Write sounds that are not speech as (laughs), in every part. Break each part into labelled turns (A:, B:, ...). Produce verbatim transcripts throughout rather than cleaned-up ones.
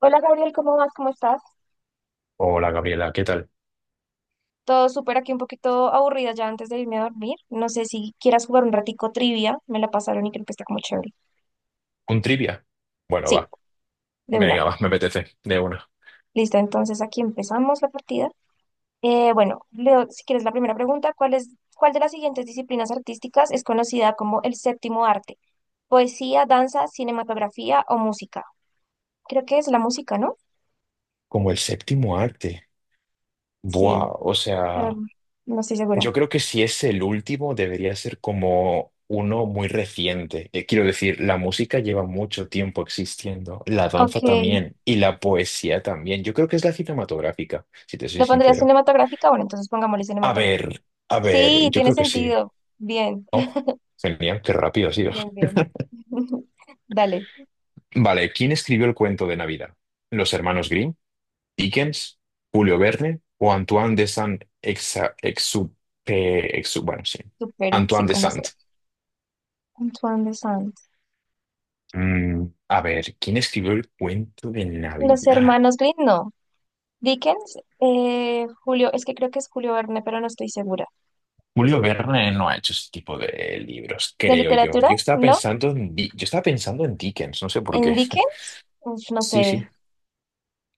A: Hola Gabriel, ¿cómo vas? ¿Cómo estás?
B: Hola Gabriela, ¿qué tal?
A: Todo súper aquí, un poquito aburrida ya antes de irme a dormir. No sé si quieras jugar un ratico trivia, me la pasaron y creo que está como chévere.
B: ¿Un trivia? Bueno,
A: Sí,
B: va.
A: de una.
B: Venga, va, me apetece, de una.
A: Listo, entonces aquí empezamos la partida. Eh, bueno, Leo, si quieres la primera pregunta, ¿cuál es, ¿cuál de las siguientes disciplinas artísticas es conocida como el séptimo arte? Poesía, danza, cinematografía o música. Creo que es la música, ¿no?
B: Como el séptimo arte.
A: Sí,
B: Buah, o
A: pero
B: sea,
A: no estoy
B: yo
A: segura.
B: creo que si es el último, debería ser como uno muy reciente. Eh, quiero decir, la música lleva mucho tiempo existiendo, la danza
A: Ok,
B: también, y la poesía también. Yo creo que es la cinematográfica, si te soy
A: ¿lo pondría
B: sincero.
A: cinematográfica? Bueno, entonces pongámosle.
B: A ver, a ver,
A: Sí,
B: yo
A: tiene
B: creo que sí.
A: sentido. Bien,
B: Oh, genial, qué rápido ha sido.
A: bien, bien. (laughs) Dale,
B: Vale, ¿quién escribió el cuento de Navidad? ¿Los hermanos Grimm? Dickens, Julio Verne o Antoine de saint Exa- Exupe- Exu Bueno, sí.
A: super, y sí,
B: Antoine de
A: como se.
B: Saint.
A: Antoine de Saint.
B: Mm, a ver, ¿quién escribió el cuento de
A: Los
B: Navidad?
A: hermanos Green, no. Dickens, eh, Julio, es que creo que es Julio Verne, pero no estoy segura.
B: Julio Verne no ha hecho ese tipo de libros,
A: ¿De
B: creo yo.
A: literatura?
B: Yo estaba
A: No.
B: pensando en, Di- Yo estaba pensando en Dickens, no sé por
A: ¿En
B: qué. (laughs)
A: Dickens? Uf, no
B: Sí,
A: sé.
B: sí.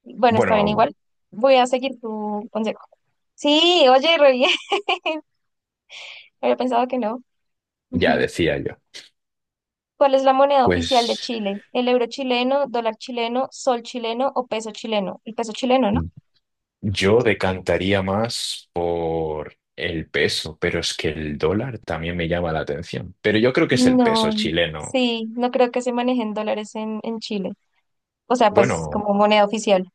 A: Bueno, está bien,
B: Bueno,
A: igual. Voy a seguir tu consejo. Sí, oye, re bien. (laughs) Había pensado que no. (laughs)
B: ya
A: Ujú.
B: decía yo.
A: ¿Cuál es la moneda oficial de
B: Pues.
A: Chile? ¿El euro chileno, dólar chileno, sol chileno o peso chileno? El peso chileno, ¿no?
B: Yo decantaría más por el peso, pero es que el dólar también me llama la atención. Pero yo creo que es el peso
A: No,
B: chileno.
A: sí, no creo que se manejen dólares en, en Chile. O sea, pues
B: Bueno,
A: como moneda oficial.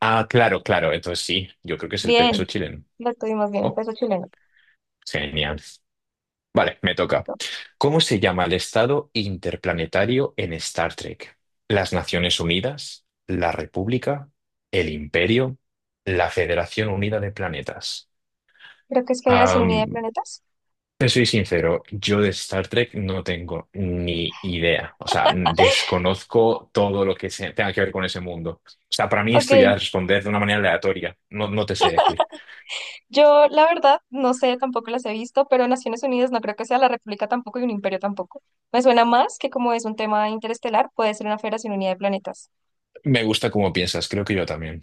B: ah, claro, claro, entonces sí, yo creo que es el
A: Bien,
B: peso chileno.
A: lo tuvimos bien,
B: Oh,
A: peso chileno.
B: genial. Vale, me toca.
A: No,
B: ¿Cómo se llama el estado interplanetario en Star Trek? ¿Las Naciones Unidas? ¿La República? ¿El Imperio? ¿La Federación Unida de Planetas?
A: creo que es Federación Unida de Planetas.
B: Te soy sincero, yo de Star Trek no tengo ni idea. O sea, desconozco todo lo que se- tenga que ver con ese mundo. O sea, para mí esto ya
A: Ok,
B: es responder de una manera aleatoria. No, no te sé decir.
A: yo la verdad no sé, tampoco las he visto, pero Naciones Unidas no creo que sea, la República tampoco y un imperio tampoco. Me suena más que como es un tema interestelar, puede ser una Federación Unida de Planetas.
B: Me gusta cómo piensas, creo que yo también.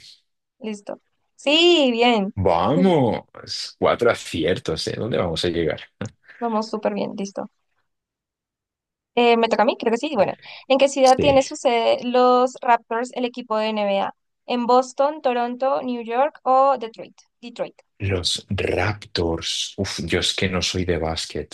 A: Listo. Sí, bien. (laughs)
B: Vamos, cuatro aciertos, ¿eh? ¿Dónde vamos a llegar?
A: Vamos súper bien, listo. Eh, me toca a mí, creo que sí. Bueno, ¿en qué ciudad
B: Sí.
A: tiene su sede los Raptors, el equipo de N B A? ¿En Boston, Toronto, New York o Detroit? Detroit.
B: Los Raptors. Uf, yo es que no soy de básquet.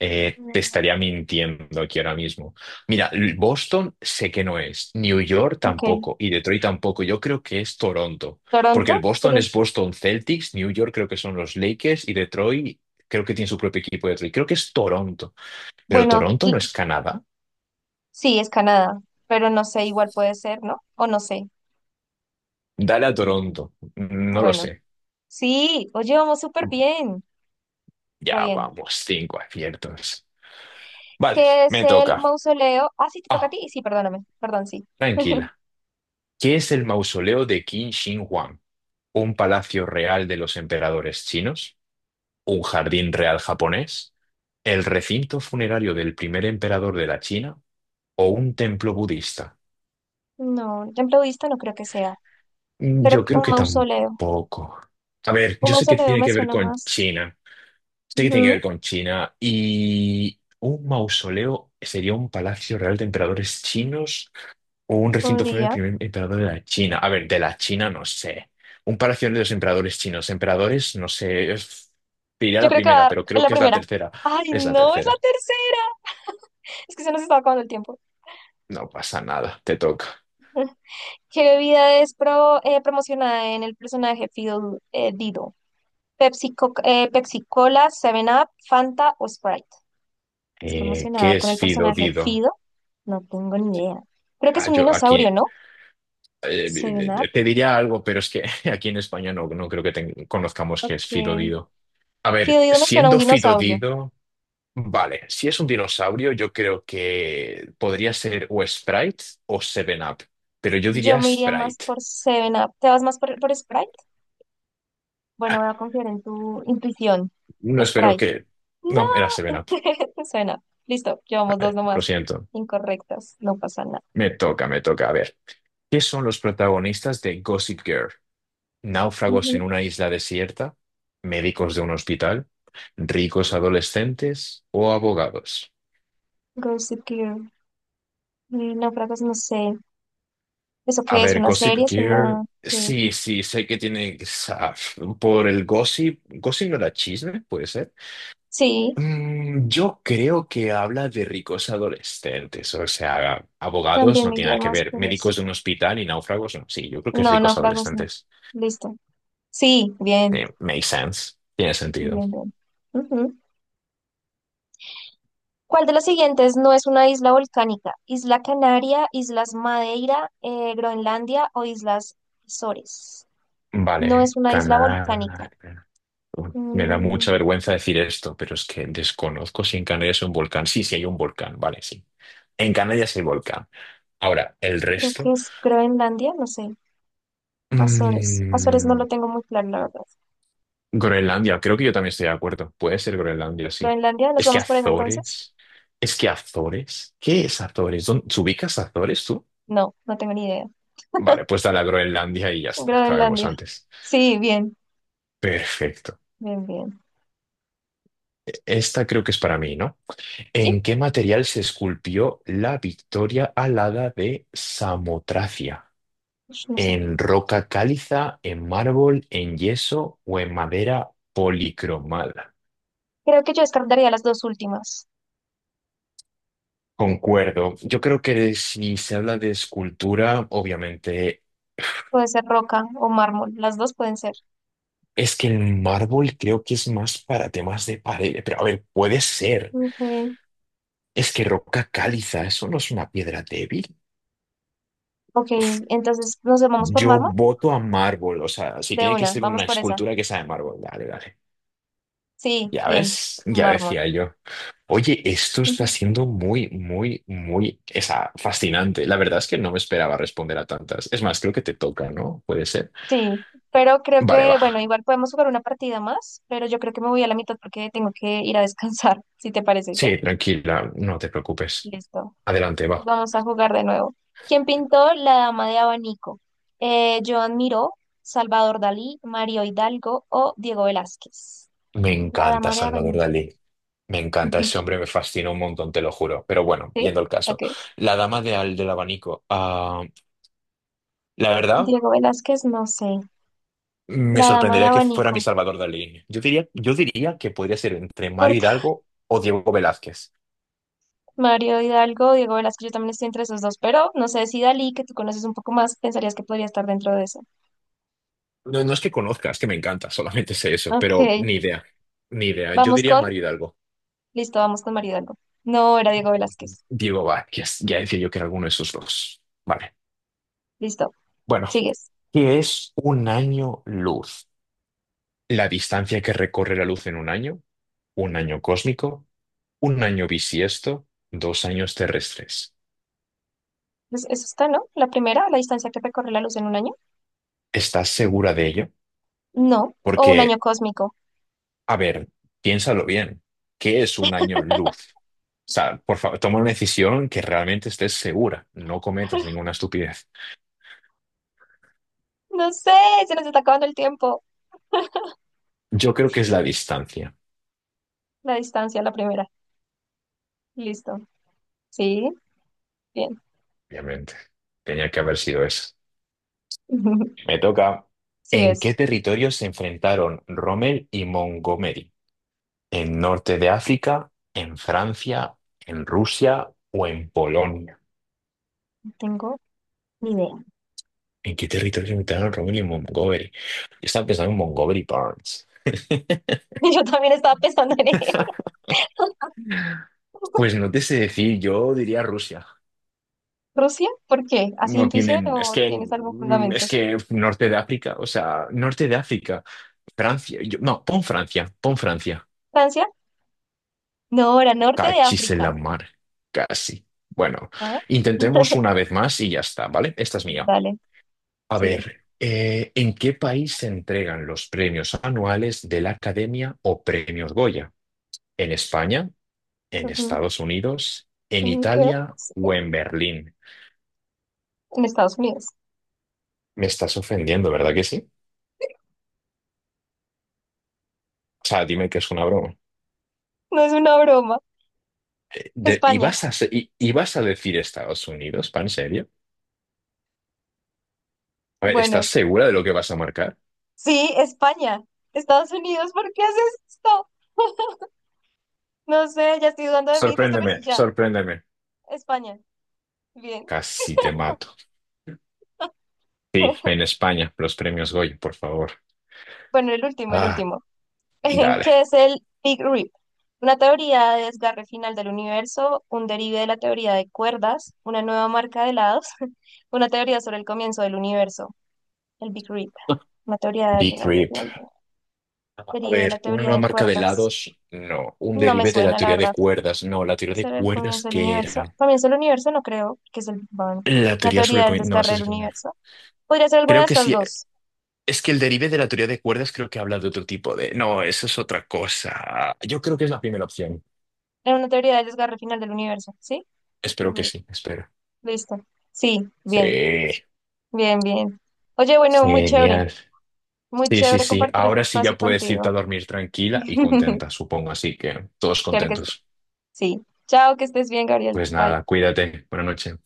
B: Eh,
A: Mm,
B: te estaría mintiendo aquí ahora mismo. Mira, l- Boston sé que no es, New York
A: ok.
B: tampoco y Detroit tampoco. Yo creo que es Toronto, porque el
A: ¿Toronto?
B: Boston es
A: ¿Serías?
B: Boston Celtics, New York creo que son los Lakers y Detroit creo que tiene su propio equipo de Detroit. Creo que es Toronto, pero
A: Bueno,
B: Toronto no
A: di-
B: es Canadá.
A: sí, es Canadá, pero no sé, igual puede ser, ¿no? O no sé.
B: Dale a Toronto, no lo
A: Bueno,
B: sé.
A: sí, oye, vamos súper bien, re
B: Ya
A: bien.
B: vamos, cinco aciertos. Vale,
A: ¿Qué es
B: me
A: el
B: toca.
A: mausoleo? Ah, sí, te toca a
B: Ah,
A: ti. Sí, perdóname, perdón, sí. (laughs)
B: tranquila. ¿Qué es el mausoleo de Qin Shi Huang? ¿Un palacio real de los emperadores chinos? ¿Un jardín real japonés? ¿El recinto funerario del primer emperador de la China? ¿O un templo budista?
A: No, templo budista no creo que sea,
B: Mm,
A: pero
B: yo creo
A: un
B: que
A: mausoleo.
B: tampoco. A ver,
A: Un
B: yo sé que
A: mausoleo
B: tiene
A: me
B: que ver
A: suena
B: con
A: más.
B: China. Sé que tiene que ver
A: Ujú.
B: con China. Y un mausoleo sería un palacio real de emperadores chinos. O un recinto fue el
A: Podría.
B: primer emperador de la China. A ver, de la China no sé. Un palacio de los emperadores chinos. Emperadores, no sé. es- Te diré
A: Yo
B: la
A: creo que va a
B: primera,
A: dar
B: pero creo
A: la
B: que es la
A: primera.
B: tercera.
A: Ay,
B: Es la
A: no, es la
B: tercera.
A: tercera. Es que se nos está acabando el tiempo.
B: No pasa nada, te toca.
A: ¿Qué bebida es pro, eh, promocionada en el personaje Fido, eh, Dido? Pepsi, Co- eh, Pepsi Cola, Seven up Fanta o Sprite. Es
B: Eh,
A: promocionada
B: ¿qué
A: con
B: es
A: el
B: Fido
A: personaje
B: Dido?
A: Fido. No tengo ni idea. Creo que es
B: Ah,
A: un
B: yo aquí,
A: dinosaurio, no. Seven
B: eh,
A: 7-Up.
B: te diría algo, pero es que (laughs) aquí en España no, no creo que ten- conozcamos qué es Fido
A: Ok.
B: Dido. A
A: Fido
B: ver,
A: Dido me suena a un
B: siendo Fido
A: dinosaurio.
B: Dido. Vale, si es un dinosaurio, yo creo que podría ser o Sprite o Seven Up, pero yo
A: Yo
B: diría
A: me iría más
B: Sprite.
A: por Seven up. ¿Te vas más por, por Sprite? Bueno,
B: Ah,
A: voy a confiar en tu intuición.
B: no espero
A: Sprite.
B: que... No, era Seven Up.
A: (laughs) Suena. Listo, llevamos dos
B: Vale, lo
A: nomás.
B: siento.
A: Incorrectas, no pasa nada.
B: Me toca, me toca. A ver, ¿qué son los protagonistas de Gossip Girl? Náufragos en
A: Ujú.
B: una isla desierta, médicos de un hospital, ricos adolescentes o abogados.
A: Gossip Girl. Eh, Náufragos, no sé. ¿Eso
B: A
A: qué es?
B: ver,
A: ¿Una
B: Gossip
A: serie? ¿Es
B: Girl...
A: una...? ¿Qué?
B: Sí, sí, sé que tiene... ah, por el gossip... ¿Gossip no era chisme? ¿Puede ser?
A: Sí,
B: Mm, yo creo que habla de ricos adolescentes, o sea, abogados
A: también
B: no
A: me
B: tiene
A: iría
B: nada que
A: más
B: ver,
A: por eso.
B: médicos de un hospital y náufragos, no. Sí, yo creo que es
A: No,
B: ricos
A: náufragos no.
B: adolescentes.
A: Listo. Sí, bien,
B: Eh, makes sense, tiene sentido.
A: bien, bien. Ujú. ¿Cuál de las siguientes no es una isla volcánica? ¿Isla Canaria, Islas Madeira, eh, Groenlandia o Islas Azores? No
B: Vale,
A: es una isla volcánica.
B: canal. Me da mucha
A: Mm,
B: vergüenza decir esto, pero es que desconozco si en Canarias hay un volcán. Sí, sí hay un volcán, vale, sí. En Canarias hay volcán. Ahora, el
A: Creo
B: resto.
A: que es Groenlandia, no sé. Azores. Azores no
B: Mm,
A: lo tengo muy claro, la verdad.
B: Groenlandia, creo que yo también estoy de acuerdo. Puede ser Groenlandia, sí.
A: Groenlandia, ¿nos
B: Es que
A: vamos por eso entonces?
B: Azores. Es que Azores. ¿Qué es Azores? ¿Dónde, ¿te ubicas Azores tú?
A: No, no tengo ni idea.
B: Vale, pues dale a Groenlandia y ya está, acabemos
A: Groenlandia.
B: antes.
A: Sí, bien,
B: Perfecto.
A: bien, bien.
B: Esta creo que es para mí, ¿no?
A: Sí,
B: ¿En qué material se esculpió la Victoria alada de Samotracia?
A: ush, no sé.
B: ¿En roca cáliza, en mármol, en yeso o en madera policromada?
A: Creo que yo descartaría las dos últimas.
B: Concuerdo. Yo creo que si se habla de escultura, obviamente,
A: Puede ser roca o mármol. Las dos pueden ser.
B: es que el mármol creo que es más para temas de pared. Pero a ver, puede ser.
A: Ok,
B: Es que roca cáliza, eso no es una piedra débil.
A: ok,
B: Uf,
A: entonces nos vamos por
B: yo
A: mármol.
B: voto a mármol. O sea, si
A: De
B: tiene que
A: una,
B: ser
A: vamos
B: una
A: por esa.
B: escultura que sea de mármol, dale, dale.
A: Sí,
B: Ya
A: bien,
B: ves, ya
A: mármol.
B: decía yo. Oye, esto está
A: (laughs)
B: siendo muy, muy, muy, esa, fascinante. La verdad es que no me esperaba responder a tantas. Es más, creo que te toca, ¿no? Puede ser.
A: Sí, pero creo
B: Vale,
A: que,
B: va.
A: bueno, igual podemos jugar una partida más, pero yo creo que me voy a la mitad porque tengo que ir a descansar, (laughs) si te parece,
B: Sí,
A: ¿sí?
B: tranquila, no te preocupes.
A: Listo.
B: Adelante, va.
A: Vamos a jugar de nuevo. ¿Quién pintó la dama de abanico? Eh, Joan Miró, Salvador Dalí, Mario Hidalgo o Diego Velázquez.
B: Me
A: La
B: encanta
A: dama de
B: Salvador
A: abanico.
B: Dalí. Me encanta ese
A: (laughs)
B: hombre, me fascina un montón, te lo juro. Pero bueno,
A: ¿Sí?
B: yendo al
A: Ok.
B: caso. La dama de al del abanico. Ah, la verdad,
A: Diego Velázquez, no sé.
B: me
A: La dama de
B: sorprendería que fuera mi
A: abanico.
B: Salvador Dalí. Yo diría, yo diría que podría ser entre
A: Por
B: Mario Hidalgo o Diego Velázquez.
A: (laughs) Mario Hidalgo, Diego Velázquez, yo también estoy entre esos dos, pero no sé si Dalí, que tú conoces un poco más, pensarías que podría estar dentro de eso.
B: No, no es que conozcas, que me encanta, solamente sé eso,
A: Ok,
B: pero ni idea. Ni idea. Yo
A: vamos
B: diría
A: con,
B: Mario Hidalgo.
A: listo, vamos con María Hidalgo. No, era Diego Velázquez.
B: Diego Velázquez, ya decía yo que era alguno de esos dos. Vale.
A: Listo,
B: Bueno.
A: sigues.
B: ¿Qué es un año luz? La distancia que recorre la luz en un año, un año cósmico, un año bisiesto, dos años terrestres.
A: Es- Eso está, ¿no? La primera, la distancia que recorre la luz en un año.
B: ¿Estás segura de ello?
A: No, o un año
B: Porque,
A: cósmico.
B: a ver, piénsalo bien. ¿Qué es un año luz? O sea, por favor, toma una decisión que realmente estés segura. No cometas ninguna estupidez.
A: No sé, se nos está acabando el tiempo.
B: Yo creo que es la distancia,
A: La distancia, la primera. Listo. Sí, bien.
B: obviamente. Tenía que haber sido eso.
A: (laughs)
B: Me toca. ¿En
A: Sigues.
B: qué territorio se enfrentaron Rommel y Montgomery? ¿En norte de África, en Francia, en Rusia o en Polonia?
A: No tengo ni idea.
B: ¿En qué territorio invitaron Rommel y Montgomery? Yo estaba pensando en Montgomery Burns.
A: (laughs) Yo también estaba pensando en él. (laughs)
B: Pues no te sé decir, yo diría Rusia.
A: ¿Rusia? ¿Por qué? ¿Así
B: No
A: intuición
B: tienen, es
A: o
B: que,
A: tienes algún
B: mm, es
A: fundamento?
B: que norte de África, o sea, norte de África, Francia, yo- no, pon Francia, pon Francia.
A: ¿Francia? No, era norte de
B: Cachis en
A: África.
B: la mar, casi. Bueno,
A: Ah,
B: intentemos
A: (laughs)
B: una vez más y ya está, ¿vale? Esta es mía.
A: dale,
B: A
A: sigue.
B: ver, eh, ¿en qué país se entregan los premios anuales de la Academia o Premios Goya? ¿En España? ¿En Estados Unidos? ¿En
A: Ay, creo,
B: Italia
A: sí,
B: o en Berlín?
A: en Estados Unidos.
B: Me estás ofendiendo, ¿verdad que sí? O sea, dime que es una broma.
A: No es una broma.
B: Eh, De- ¿y
A: España.
B: vas a, se- y, y vas a decir Estados Unidos, pan serio? A ver, ¿estás
A: Bueno,
B: segura de lo que vas a marcar?
A: sí, España. Estados Unidos, ¿por qué haces esto? No sé, ya estoy dudando de mí, tú sabes
B: Sorpréndeme,
A: que ya.
B: sorpréndeme.
A: España. Bien.
B: Casi te mato. Sí, en
A: (laughs)
B: España, los premios Goya, por favor.
A: Bueno, el último, el
B: Ah,
A: último. (laughs)
B: dale.
A: ¿Qué es el Big Rip? Una teoría de desgarre final del universo, un derive de la teoría de cuerdas, una nueva marca de helados, (laughs) una teoría sobre el comienzo del universo, el Big Rip. Una teoría de del
B: Big Rip. A
A: derive de la
B: ver, una
A: teoría
B: nueva
A: de
B: marca de
A: cuerdas.
B: helados, no. Un
A: No me
B: derive de la
A: suena, la
B: teoría de
A: verdad.
B: cuerdas, no. La teoría
A: ¿Ese
B: de
A: era el
B: cuerdas,
A: comienzo del
B: ¿qué
A: universo?
B: era?
A: Comienzo del universo no creo, que es el Big Bang.
B: La
A: Una
B: teoría sobre...
A: teoría
B: el
A: del
B: coin- No,
A: desgarre
B: eso
A: del
B: sí que... no.
A: universo. Podría ser alguna de
B: Creo que
A: estas
B: sí.
A: dos.
B: Es que el derive de la teoría de cuerdas creo que habla de otro tipo de... No, eso es otra cosa. Yo creo que es la primera opción.
A: Era una teoría del desgarre final del universo, ¿sí? Big
B: Espero que
A: Bang.
B: sí, espero.
A: Listo. Sí, bien,
B: Sí,
A: bien, bien. Oye, bueno, muy chévere.
B: genial.
A: Muy
B: Sí, sí,
A: chévere
B: sí.
A: compartir este
B: Ahora sí ya
A: espacio
B: puedes irte
A: contigo.
B: a dormir tranquila y
A: (laughs)
B: contenta, supongo. Así que todos
A: Claro que sí.
B: contentos.
A: Sí. Chao, que estés bien, Gabriel.
B: Pues
A: Bye.
B: nada, cuídate. Buenas noches.